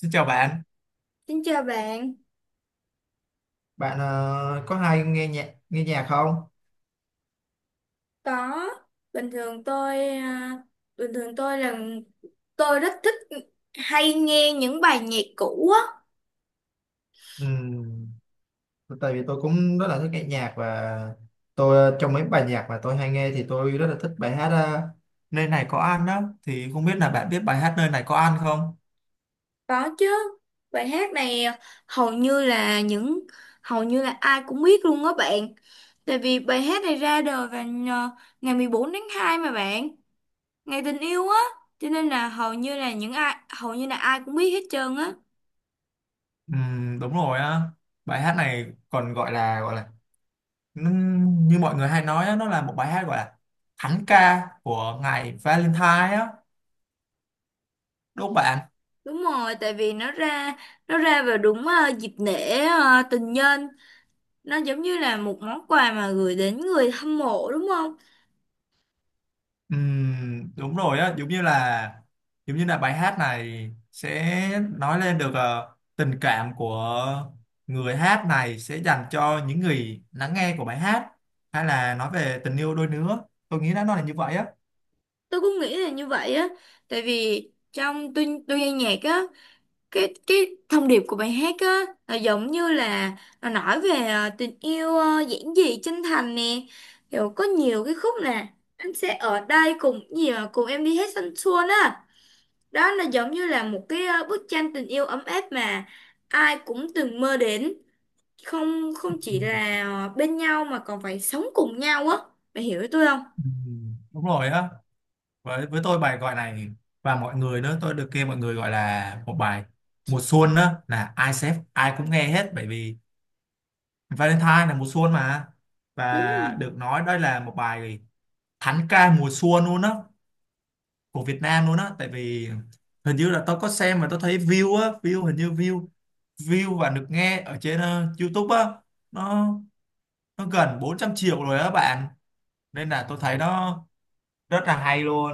Xin chào bạn. Xin chào bạn, Bạn có hay nghe nhạc không? có bình thường tôi à, bình thường tôi là tôi rất thích hay nghe những bài nhạc cũ á, Ừm, tại vì tôi cũng rất là thích nghe nhạc, và tôi trong mấy bài nhạc mà tôi hay nghe thì tôi rất là thích bài hát nơi này có ăn đó, thì không biết là bạn biết bài hát nơi này có ăn không? có chứ. Bài hát này hầu như là những hầu như là ai cũng biết luôn á bạn. Tại vì bài hát này ra đời vào ngày 14 tháng 2 mà bạn, ngày tình yêu á, cho nên là hầu như là ai cũng biết hết trơn á. Đúng rồi á. Bài hát này còn nó- như mọi người hay nói á, nó là một bài hát gọi là thánh ca của ngày Valentine á. Đúng không bạn? Đúng rồi, tại vì nó ra vào dịp lễ tình nhân, nó giống như là một món quà mà gửi đến người hâm mộ đúng không? Đúng rồi á, giống như là bài hát này sẽ nói lên được tình cảm của người hát này sẽ dành cho những người lắng nghe của bài hát, hay là nói về tình yêu đôi lứa. Tôi nghĩ là nó là như vậy á. Tôi cũng nghĩ là như vậy á, tại vì trong tôi nghe nhạc á, cái thông điệp của bài hát á là giống như là nó nói về tình yêu giản dị chân thành nè, kiểu có nhiều cái khúc nè, anh sẽ ở đây cùng gì mà cùng em đi hết thanh xuân á, đó là giống như là một cái bức tranh tình yêu ấm áp mà ai cũng từng mơ đến, không không chỉ Ừm, là bên nhau mà còn phải sống cùng nhau á, mày hiểu ý tôi không? Đúng rồi á, với tôi bài gọi này và mọi người nữa, tôi được nghe mọi người gọi là một bài mùa xuân á, là ai sẽ ai cũng nghe hết, bởi vì Valentine là mùa xuân mà. Đúng. Và được nói đây là một bài thánh ca mùa xuân luôn á của Việt Nam luôn á. Tại vì hình như là tao có xem mà tao thấy view á, view hình như view view và được nghe ở trên YouTube á, nó nó gần 400 triệu rồi á bạn, nên là tôi thấy nó rất là hay luôn.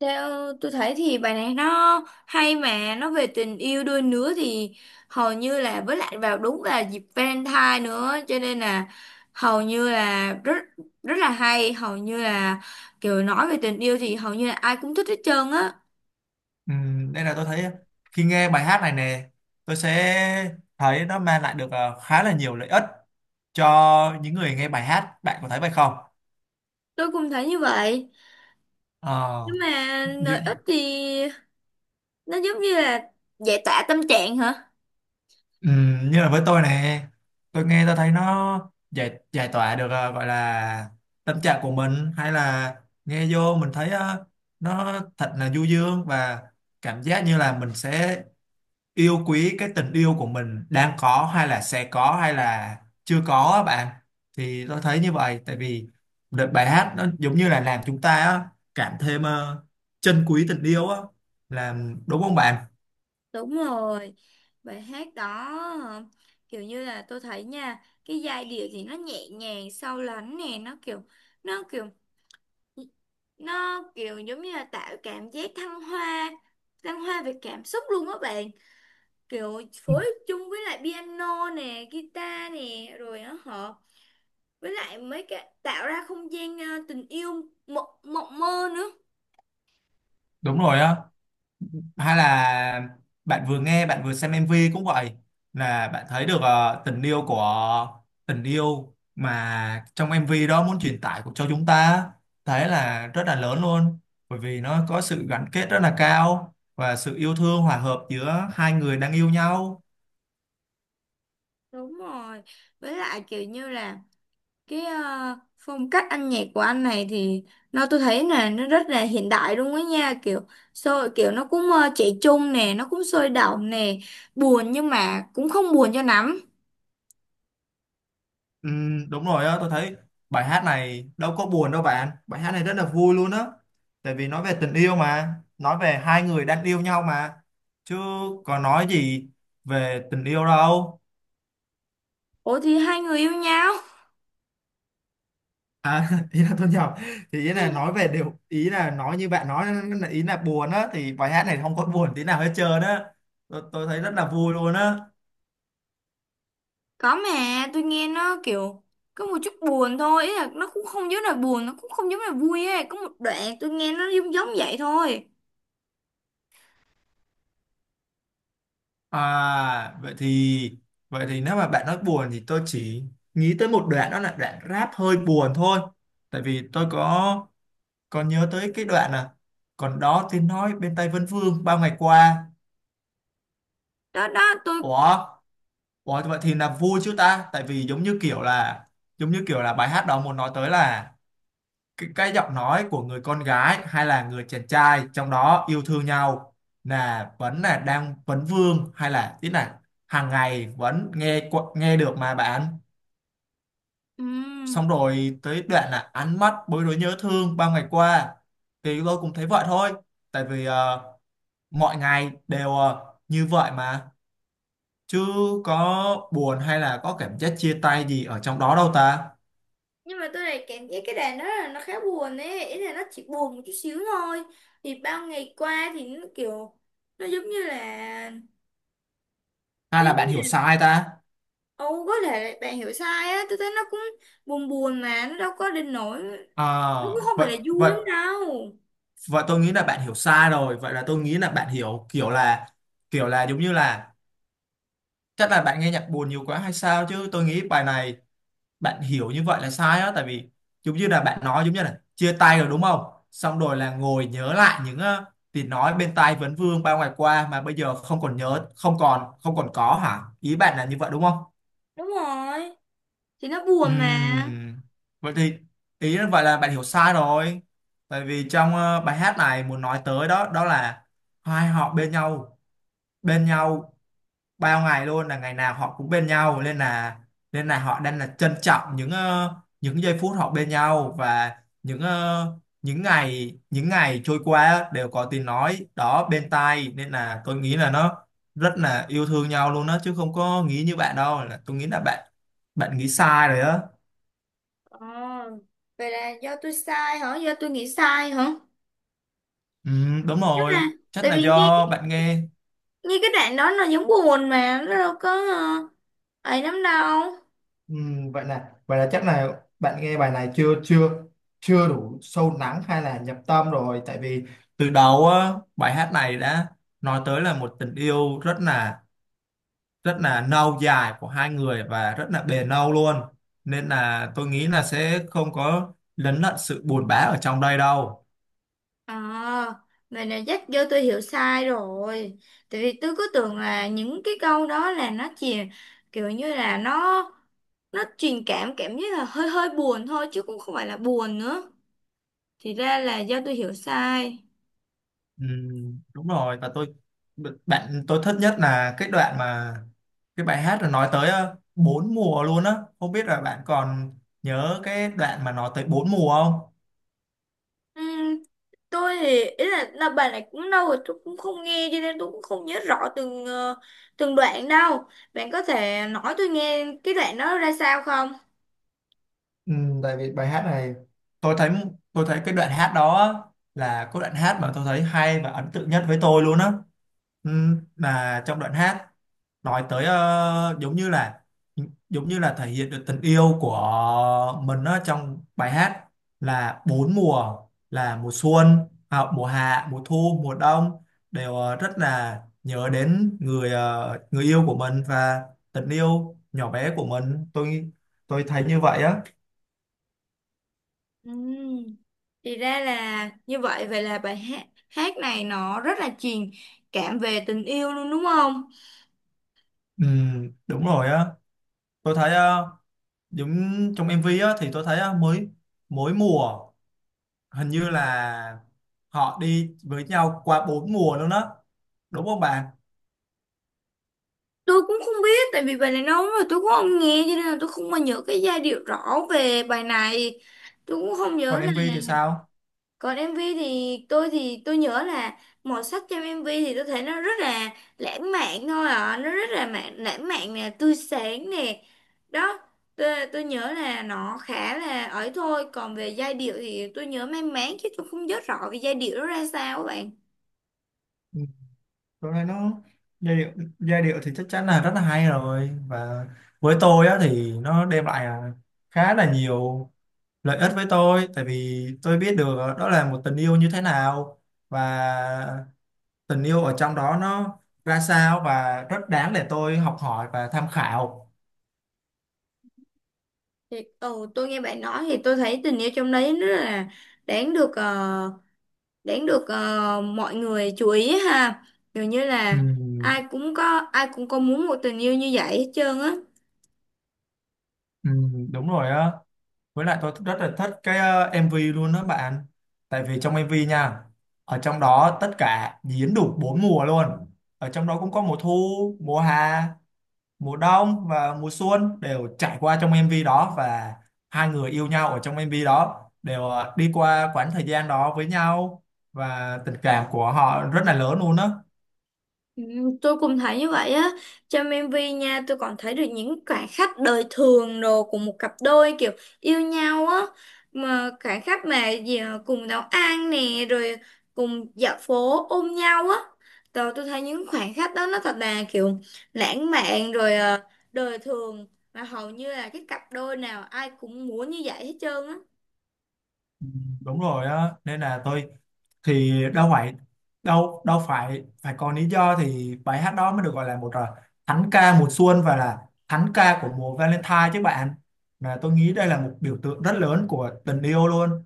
Theo tôi thấy thì bài này nó hay mà nó về tình yêu đôi lứa thì hầu như là, với lại vào đúng là dịp Valentine nữa, cho nên là hầu như là rất rất là hay, hầu như là kiểu nói về tình yêu thì hầu như là ai cũng thích hết trơn á. Nên là tôi thấy khi nghe bài hát này nè, tôi sẽ thấy nó mang lại được khá là nhiều lợi ích cho những người nghe bài hát. Bạn có thấy vậy không? Tôi cũng thấy như vậy, Ờ, nhưng mà như lợi ích thì nó giống như là giải tỏa tâm trạng hả? Ừ, như là với tôi nè, tôi nghe tôi thấy nó giải giải tỏa được gọi là tâm trạng của mình, hay là nghe vô mình thấy nó thật là du dương, và cảm giác như là mình sẽ yêu quý cái tình yêu của mình đang có, hay là sẽ có, hay là chưa có á bạn. Thì tôi thấy như vậy, tại vì đợt bài hát nó giống như là làm chúng ta á, cảm thêm trân quý tình yêu á, làm đúng không bạn? Đúng rồi, bài hát đó ờ, kiểu như là tôi thấy nha, cái giai điệu thì nó nhẹ nhàng sâu lắng nè, nó kiểu nó kiểu giống như là tạo cảm giác thăng hoa về cảm xúc luôn á bạn, kiểu Ừ, phối chung với lại piano nè guitar nè rồi nó hợp với lại mấy cái tạo ra không gian tình yêu mộng mộng mơ nữa. đúng rồi á, hay là bạn vừa nghe bạn vừa xem MV cũng vậy, là bạn thấy được tình yêu của tình yêu mà trong MV đó muốn truyền tải của cho chúng ta thấy là rất là lớn luôn, bởi vì nó có sự gắn kết rất là cao và sự yêu thương hòa hợp giữa hai người đang yêu nhau. Đúng rồi. Với lại kiểu như là cái phong cách âm nhạc của anh này thì tôi thấy là nó rất là hiện đại luôn á nha, kiểu sôi kiểu nó cũng trẻ trung nè, nó cũng sôi động nè, buồn nhưng mà cũng không buồn cho lắm. Ừ, đúng rồi á, tôi thấy bài hát này đâu có buồn đâu bạn. Bài hát này rất là vui luôn á. Tại vì nói về tình yêu mà, nói về hai người đang yêu nhau mà. Chứ có nói gì về tình yêu đâu. Ủa thì hai người yêu nhau. À, ý là tôi nhầm. Thì ý là nói về điều, ý là nói như bạn nói, là ý là buồn á, thì bài hát này không có buồn tí nào hết trơn á. Tôi thấy rất là vui luôn á. Có mà tôi nghe nó kiểu có một chút buồn thôi, ý là nó cũng không giống là buồn, nó cũng không giống là vui ấy, có một đoạn tôi nghe nó giống giống vậy thôi. À vậy thì, vậy thì nếu mà bạn nói buồn thì tôi chỉ nghĩ tới một đoạn, đó là đoạn rap hơi buồn thôi. Tại vì tôi có nhớ tới cái đoạn là còn đó tiếng nói bên tai Vân Vương bao ngày qua. Đó đó tôi Ủa, ủa vậy thì là vui chứ ta? Tại vì giống như kiểu là, giống như kiểu là bài hát đó muốn nói tới là cái giọng nói của người con gái hay là người chàng trai trong đó yêu thương nhau, là vẫn là đang vấn vương, hay là tí là hàng ngày vẫn nghe được mà bạn. ừ, Xong rồi tới đoạn là ánh mắt bối rối nhớ thương bao ngày qua, thì tôi cũng thấy vậy thôi. Tại vì mọi ngày đều như vậy mà, chứ có buồn hay là có cảm giác chia tay gì ở trong đó đâu ta. nhưng mà tôi lại cảm giác cái đàn đó là nó khá buồn ấy, ý là nó chỉ buồn một chút xíu thôi, thì bao ngày qua thì nó kiểu, nó giống như là Hay là đi. bạn hiểu sai ta Ồ, có thể là bạn hiểu sai á, tôi thấy nó cũng buồn buồn mà nó đâu có đến nỗi, nó cũng à? không vậy phải là vui vậy lắm đâu. và tôi nghĩ là bạn hiểu sai rồi, vậy là tôi nghĩ là bạn hiểu kiểu là, kiểu là giống như là chắc là bạn nghe nhạc buồn nhiều quá hay sao, chứ tôi nghĩ bài này bạn hiểu như vậy là sai á. Tại vì giống như là bạn nói giống như là chia tay rồi đúng không, xong rồi là ngồi nhớ lại những tiếng nói bên tai vấn vương bao ngày qua mà bây giờ không còn nhớ, không còn có, hả? Ý bạn là như vậy đúng không? Đúng rồi thì nó buồn mà. Ừm, vậy thì ý là, vậy là bạn hiểu sai rồi. Tại vì trong bài hát này muốn nói tới đó, đó là hai họ bên nhau, bên nhau bao ngày luôn, là ngày nào họ cũng bên nhau, nên là họ đang là trân trọng những những giây phút họ bên nhau, và những những ngày trôi qua đều có tiếng nói đó bên tai, nên là tôi nghĩ là nó rất là yêu thương nhau luôn đó, chứ không có nghĩ như bạn đâu, là tôi nghĩ là bạn bạn nghĩ sai rồi đó. Ờ, vậy là do tôi sai hả, do tôi nghĩ sai hả? Ừ, đúng Nhưng rồi, mà chắc tại là vì do nghe bạn nghe. nghe cái đoạn đó nó giống buồn mà nó đâu có ấy lắm đâu. Vậy là, vậy là chắc là bạn nghe bài này chưa chưa chưa đủ sâu lắng hay là nhập tâm rồi. Tại vì từ đầu á bài hát này đã nói tới là một tình yêu rất là, rất là lâu dài của hai người và rất là bền lâu luôn, nên là tôi nghĩ là sẽ không có lấn lận sự buồn bã ở trong đây đâu. À, vậy này chắc do tôi hiểu sai rồi. Tại vì tôi cứ tưởng là những cái câu đó là nó chỉ kiểu như là nó truyền cảm cảm giác là hơi hơi buồn thôi chứ cũng không phải là buồn nữa. Thì ra là do tôi hiểu sai. Ừ, đúng rồi, và tôi, bạn tôi thích nhất là cái đoạn mà, cái bài hát là nói tới bốn mùa luôn á. Không biết là bạn còn nhớ cái đoạn mà nói tới bốn mùa không? Ừm, tôi thì ý là bài này cũng lâu rồi tôi cũng không nghe cho nên tôi cũng không nhớ rõ từng đoạn đâu. Bạn có thể nói tôi nghe cái đoạn đó ra sao không? Ừ, tại vì bài hát này tôi thấy tôi thấy cái đoạn hát đó á, là có đoạn hát mà tôi thấy hay và ấn tượng nhất với tôi luôn á. ừ, là trong đoạn hát nói tới giống như là thể hiện được tình yêu của mình á trong bài hát là bốn mùa, là mùa xuân mùa hạ mùa thu mùa đông đều rất là nhớ đến người người yêu của mình và tình yêu nhỏ bé của mình. Tôi thấy như vậy á. Ừm, Thì ra là như vậy, vậy là bài hát hát này nó rất là truyền cảm về tình yêu luôn đúng không? Ừ, đúng rồi á, tôi thấy giống trong MV á thì tôi thấy á, mới mỗi mùa hình như là họ đi với nhau qua bốn mùa luôn á, đúng không bạn? Tôi cũng không biết, tại vì bài này lâu lắm rồi tôi cũng không nghe cho nên là tôi không mà nhớ cái giai điệu rõ về bài này. Tôi cũng không nhớ Còn MV thì sao? còn MV thì tôi nhớ là màu sắc trong MV thì tôi thấy nó rất là lãng mạn thôi ạ, nó rất là lãng mạn nè, tươi sáng nè, đó, tôi nhớ là nó khá là ấy thôi, còn về giai điệu thì tôi nhớ mang máng chứ tôi không nhớ rõ về giai điệu nó ra sao các bạn. Ừ, tôi thấy nó giai điệu, giai điệu thì chắc chắn là rất là hay rồi, và với tôi á thì nó đem lại khá là nhiều lợi ích với tôi. Tại vì tôi biết được đó là một tình yêu như thế nào, và tình yêu ở trong đó nó ra sao, và rất đáng để tôi học hỏi và tham khảo. Thì ừ, tôi nghe bạn nói thì tôi thấy tình yêu trong đấy rất là đáng được ờ, đáng được mọi người chú ý ha, dường như Ừ, là ai cũng có muốn một tình yêu như vậy hết trơn á. ừ, đúng rồi á, với lại tôi rất là thích cái MV luôn đó bạn. Tại vì trong MV nha, ở trong đó tất cả diễn đủ bốn mùa luôn, ở trong đó cũng có mùa thu, mùa hè, mùa đông và mùa xuân đều trải qua trong MV đó, và hai người yêu nhau ở trong MV đó đều đi qua quãng thời gian đó với nhau, và tình cảm của họ rất là lớn luôn á. Ừ, tôi cũng thấy như vậy á, trong MV nha tôi còn thấy được những khoảnh khắc đời thường đồ của một cặp đôi kiểu yêu nhau á, mà khoảnh khắc mà cùng nấu ăn nè, rồi cùng dạo phố ôm nhau á, rồi tôi thấy những khoảnh khắc đó nó thật là kiểu lãng mạn rồi đời thường mà hầu như là cái cặp đôi nào ai cũng muốn như vậy hết trơn á. Đúng rồi á, nên là tôi thì đâu phải, đâu đâu phải phải có lý do thì bài hát đó mới được gọi là một thánh ca mùa xuân và là thánh ca của mùa Valentine chứ bạn. Mà tôi nghĩ đây là một biểu tượng rất lớn của tình yêu luôn.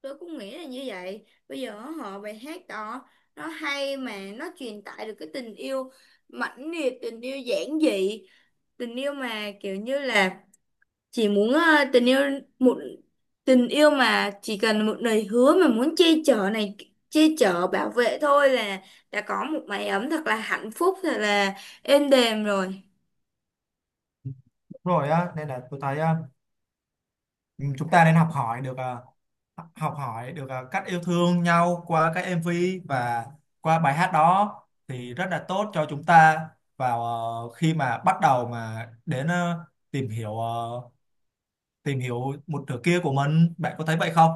Tôi cũng nghĩ là như vậy, bây giờ họ bài hát đó nó hay mà nó truyền tải được cái tình yêu mãnh liệt, tình yêu giản dị, tình yêu mà kiểu như là chỉ muốn tình yêu một tình yêu mà chỉ cần một lời hứa mà muốn che chở này, che chở bảo vệ thôi là đã có một mái ấm thật là hạnh phúc, thật là êm đềm rồi. Đúng rồi á, nên là tôi thấy ừ, chúng ta nên học hỏi được cách yêu thương nhau qua các MV và qua bài hát đó, thì rất là tốt cho chúng ta vào khi mà bắt đầu mà đến tìm hiểu ờ, tìm hiểu một nửa kia của mình. Bạn có thấy vậy không?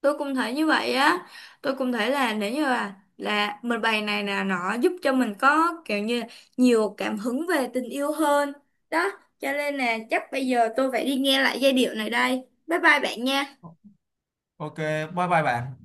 Tôi cũng thấy như vậy á, tôi cũng thấy là nếu như là mình bài này là nó giúp cho mình có kiểu như nhiều cảm hứng về tình yêu hơn, đó cho nên là chắc bây giờ tôi phải đi nghe lại giai điệu này đây, bye bye bạn nha. Ok, bye bye bạn.